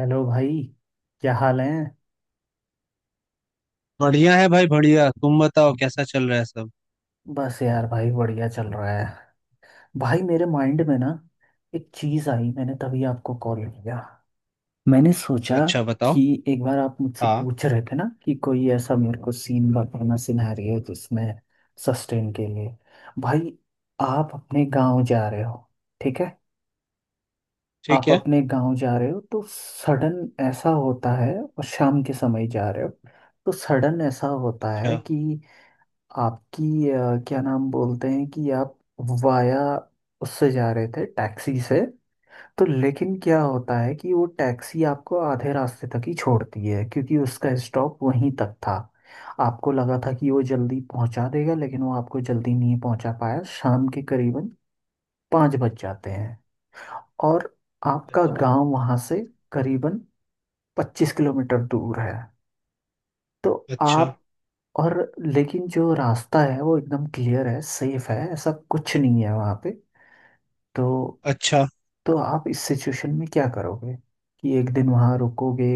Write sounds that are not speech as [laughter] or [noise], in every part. Hello भाई। क्या हाल है। बढ़िया है भाई बढ़िया। तुम बताओ कैसा चल रहा है सब। बस यार भाई बढ़िया चल रहा है। भाई मेरे माइंड में ना एक चीज़ आई, मैंने तभी आपको कॉल किया। मैंने सोचा अच्छा बताओ। कि एक बार आप मुझसे हाँ। पूछ रहे थे ना कि कोई ऐसा मेरे को सीन बताना, सिनेरियो जिसमें सस्टेन के लिए। भाई आप अपने गांव जा रहे हो, ठीक है। ठीक आप है। अपने गांव जा रहे हो तो सडन ऐसा होता है, और शाम के समय जा रहे हो तो सडन ऐसा होता अच्छा है कि आपकी क्या नाम बोलते हैं कि आप वाया उससे जा रहे थे टैक्सी से। तो लेकिन क्या होता है कि वो टैक्सी आपको आधे रास्ते तक ही छोड़ती है क्योंकि उसका स्टॉप वहीं तक था। आपको लगा था कि वो जल्दी पहुंचा देगा, लेकिन वो आपको जल्दी नहीं पहुंचा पाया। शाम के करीबन 5 बज जाते हैं, और आपका गांव वहां से करीबन 25 किलोमीटर दूर है। तो अच्छा आप और, लेकिन जो रास्ता है वो एकदम क्लियर है, सेफ है, ऐसा कुछ नहीं है वहाँ पे। तो अच्छा तो आप इस सिचुएशन में क्या करोगे, कि एक दिन वहाँ रुकोगे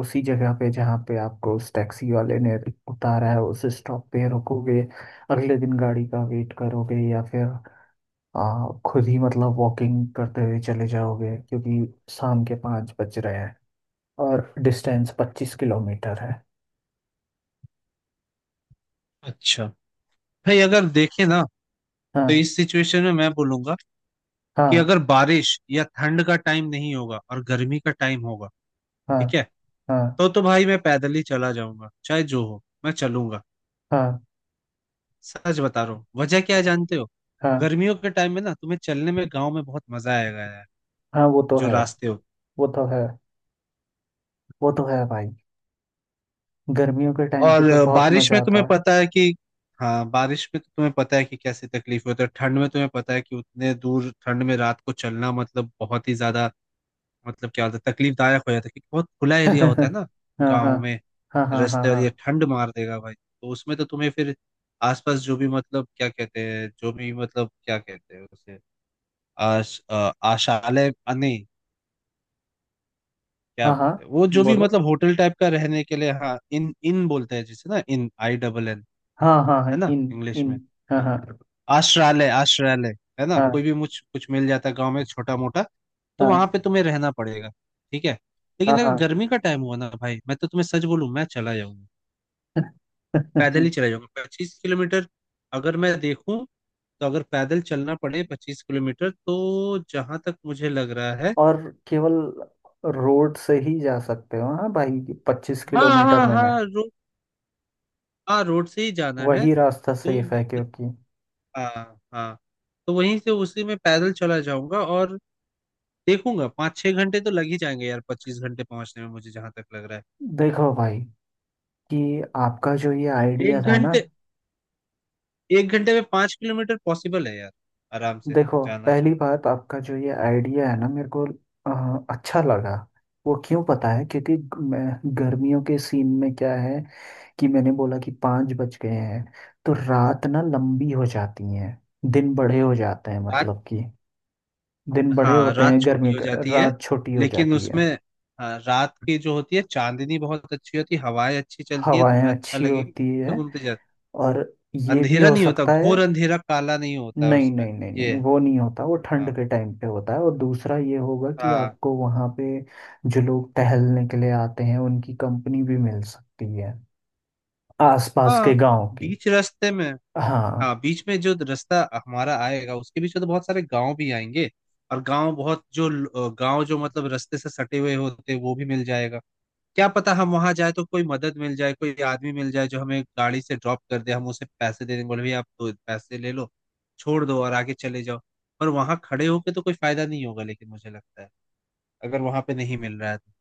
उसी जगह पे जहाँ पे आपको उस टैक्सी वाले ने उतारा है, उस स्टॉप पे रुकोगे, अगले दिन गाड़ी का वेट करोगे, या फिर खुद ही मतलब वॉकिंग करते हुए चले जाओगे क्योंकि शाम के 5 बज रहे हैं और डिस्टेंस 25 किलोमीटर है। अच्छा। भाई अगर देखे ना तो हाँ, इस सिचुएशन में मैं बोलूंगा कि हाँ, अगर बारिश या ठंड का टाइम नहीं होगा और गर्मी का टाइम होगा, हाँ, ठीक है, हाँ। तो भाई मैं पैदल ही चला जाऊंगा, चाहे जो हो मैं चलूंगा। हाँ, सच बता रहा हूँ, वजह क्या है जानते हो? हाँ, गर्मियों के टाइम में ना तुम्हें चलने में गाँव में बहुत मजा आएगा यार, हाँ। वो तो जो है। रास्ते होते। वो तो है। वो तो है भाई, गर्मियों के टाइम और पे तो बहुत बारिश मजा में आता तुम्हें है। पता है कि हाँ, बारिश में तो तुम्हें पता है कि कैसी तकलीफ होती है। ठंड में तुम्हें पता है कि उतने दूर ठंड में रात को चलना मतलब बहुत ही ज्यादा मतलब क्या होता है, तकलीफदायक हो जाता है क्योंकि बहुत खुला एरिया होता है [laughs] ना हाँ, गाँव हाँ, में हाँ, हाँ, हाँ, रास्ते। और ये हाँ, ठंड मार देगा भाई, तो उसमें तो तुम्हें फिर आसपास जो भी मतलब क्या कहते हैं जो भी मतलब क्या कहते हैं उसे आशालय नहीं, क्या हाँ, हाँ। बोलते हैं वो, जो भी बोलो। मतलब होटल टाइप का रहने के लिए। हाँ, इन इन बोलते हैं जिसे ना, इन आई डबल एन, हाँ, हाँ, हाँ, है ना इन। इंग्लिश में। इन। हाँ, हाँ। हाँ, आश्रालय आश्रालय है ना, कोई हाँ, भी मुझ कुछ मिल जाता है गाँव में छोटा मोटा, तो हाँ, वहां पे तुम्हें रहना पड़ेगा। ठीक है। हाँ, लेकिन अगर हाँ। गर्मी का टाइम हुआ ना भाई, मैं तो तुम्हें सच बोलूं, मैं चला जाऊंगा, पैदल ही [laughs] चला जाऊंगा 25 किलोमीटर। अगर मैं देखूं तो अगर पैदल चलना पड़े 25 किलोमीटर, तो जहां तक मुझे लग रहा है। और केवल रोड से ही जा सकते हो हाँ भाई, पच्चीस हाँ किलोमीटर हाँ में ना हाँ रोड, हाँ रोड से ही जाना है। वही रास्ता तो सेफ है मैं, क्योंकि। हाँ हाँ, तो वहीं से उसी में पैदल चला जाऊंगा और देखूंगा, पाँच छह घंटे तो लग ही जाएंगे यार, 25 घंटे पहुंचने में मुझे जहां तक लग रहा देखो भाई, कि आपका जो ये है। आइडिया एक था ना। घंटे, एक घंटे में 5 किलोमीटर पॉसिबल है यार आराम से देखो, जाना पहली चलना। बात आपका जो ये आइडिया है ना, मेरे को अच्छा लगा। वो क्यों पता है, क्योंकि मैं, गर्मियों के सीन में क्या है कि मैंने बोला कि 5 बज गए हैं, तो रात ना लंबी हो जाती है, दिन बड़े हो जाते हैं, रात, मतलब कि दिन बड़े हाँ होते रात हैं छोटी गर्मी हो का, जाती है, रात छोटी हो लेकिन जाती उसमें है, हाँ, रात की जो होती है चांदनी बहुत अच्छी होती है, हवाएं अच्छी चलती है, हवाएं तुम्हें अच्छा अच्छी लगेगा होती घूमते है, घूमते जाते। और ये भी अंधेरा हो नहीं होता, सकता है। घोर अंधेरा काला नहीं होता नहीं, उसमें, नहीं, नहीं, नहीं, ये है। वो नहीं होता, वो ठंड हाँ के टाइम पे होता है। और दूसरा ये होगा कि हाँ आपको वहाँ पे जो लोग टहलने के लिए आते हैं उनकी कंपनी भी मिल सकती है, आसपास के हाँ गांव की। बीच रास्ते में। हाँ, हाँ बीच में जो रास्ता हमारा आएगा उसके बीच में तो बहुत सारे गांव भी आएंगे, और गांव बहुत जो गांव जो मतलब रास्ते से सटे हुए होते हैं वो भी मिल जाएगा। क्या पता हम वहां जाए तो कोई मदद मिल जाए, कोई आदमी मिल जाए जो हमें गाड़ी से ड्रॉप कर दे, हम उसे पैसे दे देंगे, बोले भैया आप दो पैसे ले लो, छोड़ दो और आगे चले जाओ। पर वहां खड़े होके तो कोई फायदा नहीं होगा, लेकिन मुझे लगता है अगर वहां पे नहीं मिल रहा है तो।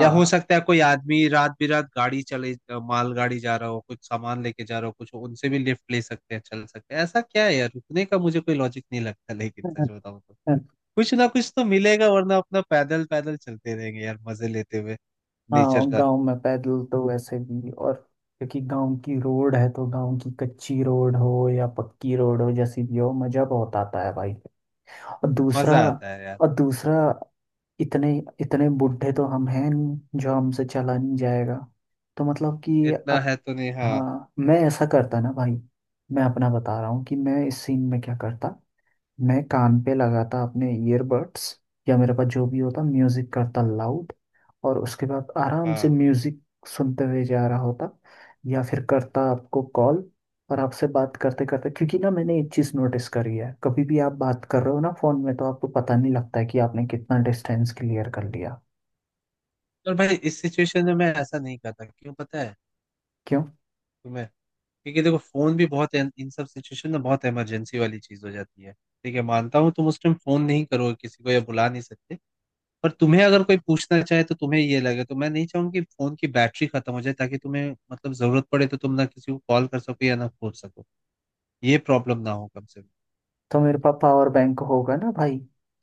या हो सकता है कोई आदमी रात बिरात गाड़ी चले, मालगाड़ी जा रहा हो कुछ सामान लेके जा रहा हो, कुछ उनसे भी लिफ्ट ले सकते हैं, चल सकते हैं। ऐसा क्या है यार रुकने का, मुझे कोई लॉजिक नहीं लगता, लेकिन सच बताऊं तो कुछ ना कुछ तो मिलेगा, वरना अपना पैदल पैदल चलते रहेंगे यार मजे लेते हुए हाँ, नेचर का। गांव में पैदल तो वैसे भी, और क्योंकि गांव की रोड है तो गांव की कच्ची रोड हो या पक्की रोड हो, जैसी भी हो, मजा बहुत आता है भाई। और दूसरा मजा आता है यार। और दूसरा, इतने इतने बुढ़े तो हम हैं नहीं जो हमसे चला नहीं जाएगा। तो मतलब कि इतना है तो नहीं, हाँ हाँ, मैं ऐसा करता ना भाई। मैं अपना बता रहा हूँ कि मैं इस सीन में क्या करता। मैं कान पे लगाता अपने ईयरबड्स, या मेरे पास जो भी होता म्यूजिक करता लाउड, और उसके बाद आराम से हाँ। म्यूजिक सुनते हुए जा रहा होता, या फिर करता आपको कॉल, और आपसे बात करते करते। क्योंकि ना मैंने एक चीज़ नोटिस करी है, कभी भी आप बात कर रहे हो ना फोन में, तो आपको पता नहीं लगता है कि आपने कितना डिस्टेंस क्लियर कर लिया। और भाई इस सिचुएशन में मैं ऐसा नहीं करता, क्यों पता है क्यों? तुम्हें? क्योंकि देखो फोन भी बहुत इन इन सब सिचुएशन में बहुत इमरजेंसी वाली चीज हो जाती है। ठीक है, मानता हूँ तुम उस टाइम फोन नहीं करोगे किसी को या बुला नहीं सकते, पर तुम्हें अगर कोई पूछना चाहे तो तुम्हें ये लगे, तो मैं नहीं चाहूंगी कि फोन की बैटरी खत्म हो जाए, ताकि तुम्हें मतलब जरूरत पड़े तो तुम ना किसी को कॉल कर सको या ना खोल सको, ये प्रॉब्लम ना हो कम से कम। तो मेरे पास पावर बैंक होगा ना भाई।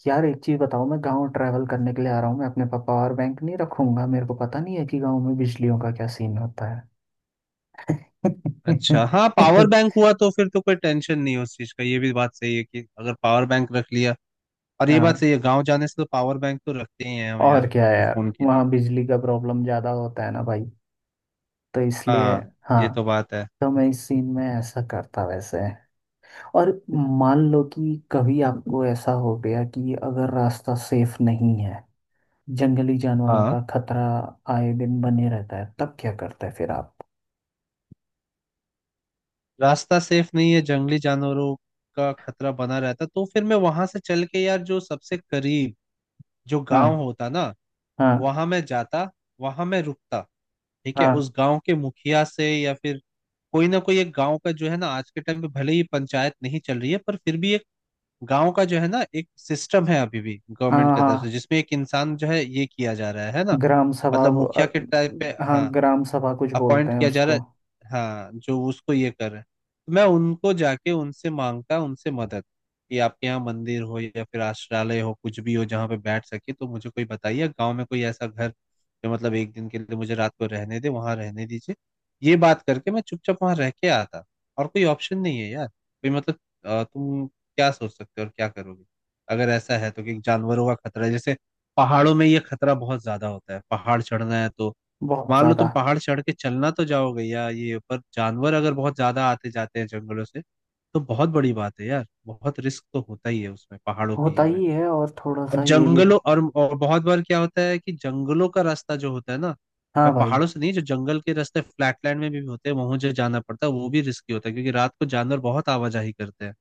यार एक चीज़ बताओ, मैं गांव ट्रैवल करने के लिए आ रहा हूँ, मैं अपने पास पावर बैंक नहीं रखूंगा? मेरे को पता नहीं है कि गांव में बिजलियों का क्या सीन होता है। अच्छा हाँ, पावर बैंक [laughs] हुआ तो फिर तो कोई टेंशन नहीं है उस चीज का, ये भी बात सही है कि अगर पावर बैंक रख लिया, और ये बात हाँ, सही है गाँव जाने से तो पावर बैंक तो रखते ही हैं हम यार और क्या अपने यार, फोन के लिए। वहाँ बिजली का प्रॉब्लम ज्यादा होता है ना भाई, तो इसलिए। हाँ। हाँ। ये तो बात है। तो मैं इस सीन में ऐसा करता वैसे। और मान लो कि कभी आपको ऐसा हो गया कि अगर रास्ता सेफ नहीं है, जंगली जानवरों हाँ, का खतरा आए दिन बने रहता है, तब क्या करते हैं फिर आप? रास्ता सेफ नहीं है, जंगली जानवरों का खतरा बना रहता तो फिर मैं वहां से चल के यार जो सबसे करीब जो गांव हाँ, होता ना, हाँ। वहां मैं जाता, वहां मैं रुकता। ठीक है, हाँ, उस गांव के मुखिया से या फिर कोई ना कोई एक गांव का जो है ना, आज के टाइम पे भले ही पंचायत नहीं चल रही है, पर फिर भी एक गांव का जो है ना एक सिस्टम है अभी भी गवर्नमेंट हाँ, की तरफ से, हाँ। जिसमें एक इंसान जो है ये किया जा रहा है ना, ग्राम सभा, मतलब वो, मुखिया के टाइप पे, हाँ, हाँ ग्राम सभा कुछ बोलते अपॉइंट हैं किया जा रहा उसको। है, हाँ जो उसको ये कर रहे हैं। तो मैं उनको जाके उनसे मांगता उनसे मदद, कि आपके यहाँ मंदिर हो या फिर आश्रालय हो कुछ भी हो जहाँ पे बैठ सके, तो मुझे कोई बताइए गांव में कोई ऐसा घर जो मतलब एक दिन के लिए मुझे रात को रहने दे, वहां रहने दीजिए। ये बात करके मैं चुपचाप वहां रह के आता, और कोई ऑप्शन नहीं है यार कोई मतलब। तुम क्या सोच सकते हो और क्या करोगे अगर ऐसा है तो, कि जानवरों का खतरा है? जैसे पहाड़ों में ये खतरा बहुत ज्यादा होता है, पहाड़ चढ़ना है तो बहुत मान लो ज्यादा। तुम पहाड़ चढ़ के चलना तो जाओगे, या ये पर जानवर अगर बहुत ज्यादा आते जाते हैं जंगलों से, तो बहुत बड़ी बात है यार, बहुत रिस्क तो होता ही है उसमें पहाड़ों के होता ये में। ही है, और थोड़ा और सा ये भी। जंगलों और बहुत बार क्या होता है कि जंगलों का रास्ता जो होता है ना, हाँ मैं भाई, पहाड़ों से नहीं, जो जंगल के रास्ते फ्लैटलैंड में भी होते हैं वहां जो जाना पड़ता है वो भी रिस्की होता है, क्योंकि रात को जानवर बहुत आवाजाही करते हैं,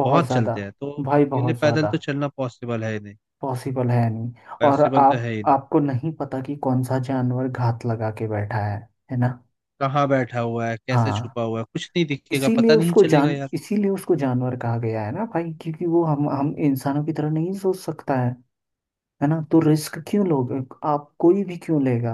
बहुत बहुत ज़्यादा। चलते हैं, तो भाई के लिए बहुत पैदल ज़्यादा। तो चलना पॉसिबल है ही नहीं। पॉसिबल है नहीं, और पॉसिबल तो आप है ही नहीं। आपको नहीं पता कि कौन सा जानवर घात लगा के बैठा है। है ना? कहाँ बैठा हुआ है, कैसे हाँ। छुपा हुआ है, कुछ नहीं दिखेगा इसीलिए पता नहीं उसको चलेगा जान यार। इसीलिए उसको जानवर कहा गया है ना भाई, क्योंकि वो हम इंसानों की तरह नहीं सोच सकता है। है ना, तो रिस्क क्यों लोगे। आप, कोई भी क्यों लेगा।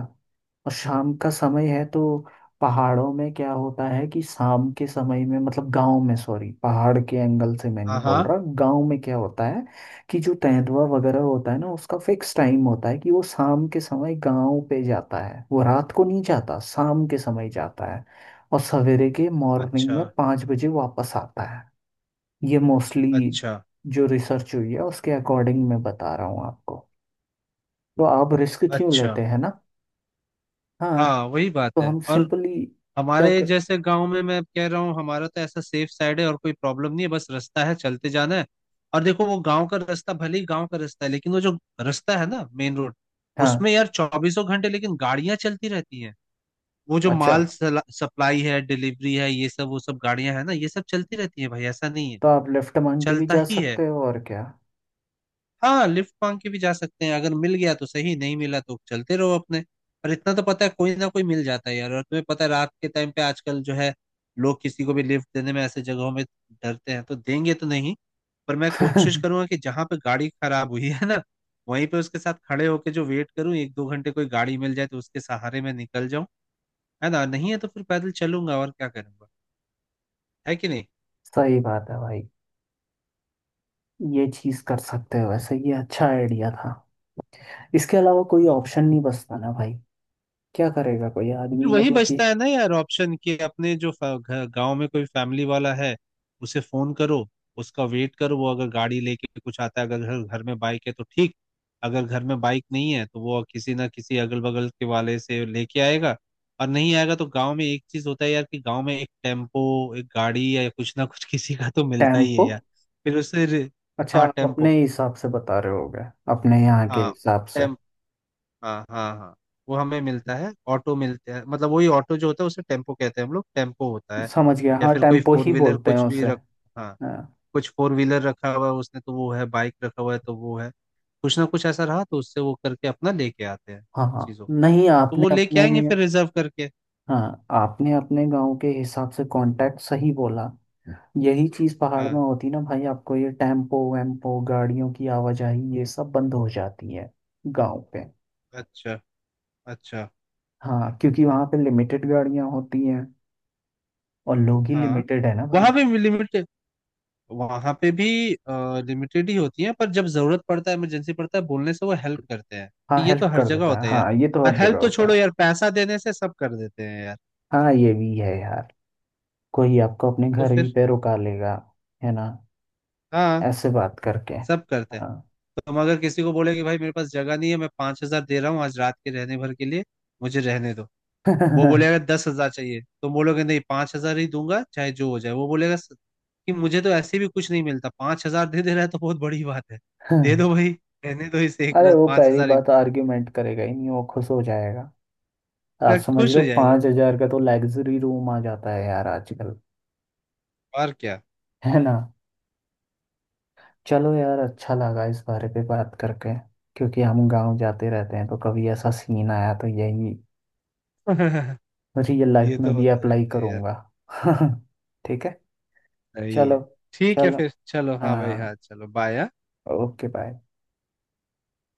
और शाम का समय है तो, पहाड़ों में क्या होता है कि शाम के समय में, मतलब गांव में, सॉरी पहाड़ के एंगल से मैं नहीं हाँ बोल हाँ। रहा, गांव में क्या होता है कि जो तेंदुआ वगैरह होता है ना, उसका फिक्स टाइम होता है कि वो शाम के समय गांव पे जाता है, वो रात को नहीं जाता, शाम के समय जाता है, और सवेरे के मॉर्निंग अच्छा में 5 बजे वापस आता है। ये मोस्टली अच्छा जो रिसर्च हुई है उसके अकॉर्डिंग मैं बता रहा हूँ आपको। तो आप रिस्क क्यों अच्छा। लेते हैं ना। हाँ। हाँ वही बात तो है। हम और सिंपली क्या हमारे कर। जैसे गांव में मैं कह रहा हूँ, हमारा तो ऐसा सेफ साइड है, और कोई प्रॉब्लम नहीं है, बस रास्ता है चलते जाना है। और देखो वो गांव का रास्ता भले ही गांव का रास्ता है, लेकिन वो जो रास्ता है ना मेन रोड, उसमें हाँ, यार चौबीसों घंटे लेकिन गाड़ियां चलती रहती हैं। वो जो अच्छा, माल सप्लाई है, डिलीवरी है ये सब, वो सब गाड़ियां है ना ये सब चलती रहती है भाई, ऐसा नहीं है, तो आप लेफ्ट मांग के भी चलता जा ही है। सकते हो और क्या। हाँ लिफ्ट मांग के भी जा सकते हैं, अगर मिल गया तो सही, नहीं मिला तो चलते रहो अपने, पर इतना तो पता है कोई ना कोई मिल जाता है यार। और तुम्हें पता है रात के टाइम पे आजकल जो है, लोग किसी को भी लिफ्ट देने में ऐसे जगहों में डरते हैं, तो देंगे तो नहीं, पर मैं कोशिश [laughs] करूंगा कि जहां पे गाड़ी खराब हुई है ना वहीं पे उसके साथ खड़े होके जो वेट करूं एक दो घंटे, कोई गाड़ी मिल जाए तो उसके सहारे मैं निकल जाऊं, है ना, नहीं है तो फिर पैदल चलूंगा, और क्या करूंगा, है कि नहीं? सही बात है भाई, ये चीज कर सकते हो वैसे, ये अच्छा आइडिया था। इसके अलावा कोई हाँ। ऑप्शन नहीं बचता ना भाई। क्या करेगा कोई फिर आदमी वही मतलब कि। बचता है ना यार ऑप्शन कि अपने जो गांव में कोई फैमिली वाला है, उसे फोन करो, उसका वेट करो, वो अगर गाड़ी लेके कुछ आता है, अगर घर घर में बाइक है तो ठीक, अगर घर में बाइक नहीं है तो वो किसी ना किसी अगल बगल के वाले से लेके आएगा। और नहीं आएगा तो गांव में एक चीज होता है यार, कि गांव में एक टेम्पो एक गाड़ी या कुछ ना कुछ [laughs] किसी का तो मिलता ही है टेम्पो? यार। फिर उससे अच्छा, हाँ आप अपने टेम्पो, हिसाब से बता रहे होगे, अपने यहाँ के हाँ हिसाब से। हाँ हाँ हाँ, वो हमें मिलता है, ऑटो मिलते हैं, मतलब वही ऑटो जो होता है उसे टेम्पो कहते हैं हम लोग, टेम्पो होता है, समझ गया, या हाँ फिर कोई टेम्पो फोर ही व्हीलर बोलते हैं कुछ भी उसे। रख, हाँ हाँ, कुछ फोर व्हीलर रखा हुआ है उसने तो वो है, बाइक रखा हुआ है तो वो है, कुछ ना कुछ ऐसा रहा तो उससे वो करके अपना लेके आते हैं हाँ, हाँ। चीज़ों, नहीं, तो आपने वो लेके अपने, आएंगे फिर रिजर्व करके। हाँ आपने अपने गांव के हिसाब से कांटेक्ट सही बोला। यही चीज पहाड़ में हाँ। होती ना भाई, आपको ये टेम्पो वेम्पो गाड़ियों की आवाजाही ये सब बंद हो जाती है गांव पे। अच्छा अच्छा। हाँ, क्योंकि वहां पे लिमिटेड गाड़ियां होती हैं, और लोग ही हाँ लिमिटेड है ना भाई। वहाँ भी लिमिट, वहां पे भी लिमिटेड ही होती है, पर जब जरूरत पड़ता है इमरजेंसी पड़ता है बोलने से वो हेल्प करते हैं। हाँ, ये तो हेल्प हर कर जगह देता है, होता है यार, हाँ ये तो और हर हेल्प जगह तो होता छोड़ो यार, पैसा देने से सब कर देते हैं यार। है। हाँ ये भी है यार, कोई आपको अपने तो घर भी फिर, पे रुका लेगा, है ना, हाँ ऐसे बात करके। सब करते हैं। हाँ। तुम अगर किसी को बोले कि भाई मेरे पास जगह नहीं है, मैं 5 हजार दे रहा हूँ आज रात के रहने भर के लिए, मुझे रहने दो। वो बोलेगा [laughs] 10 हजार चाहिए, तुम बोलोगे नहीं 5 हजार ही दूंगा चाहे जो हो जाए, वो बोलेगा कि मुझे तो ऐसे भी कुछ नहीं मिलता, 5 हजार दे दे रहा है तो बहुत बड़ी बात है, दे दो भाई रहने दो इसे एक अरे रात वो पांच पहली हजार बात आर्ग्यूमेंट करेगा ही नहीं, वो खुश हो जाएगा। आप मैं समझ खुश लो हो जाएगा पांच वो हजार कभी, का तो लग्जरी रूम आ जाता है यार आजकल, और क्या। है ना। चलो यार, अच्छा लगा इस बारे पे बात करके, क्योंकि हम गांव जाते रहते हैं तो कभी ऐसा सीन आया तो यही [laughs] रियल लाइफ ये में तो भी होते अप्लाई रहता है यार। करूंगा। [laughs] ठीक है सही चलो। है। ठीक है चलो, फिर चलो, हाँ भाई, हाँ, हाँ चलो बाय। Okay bye.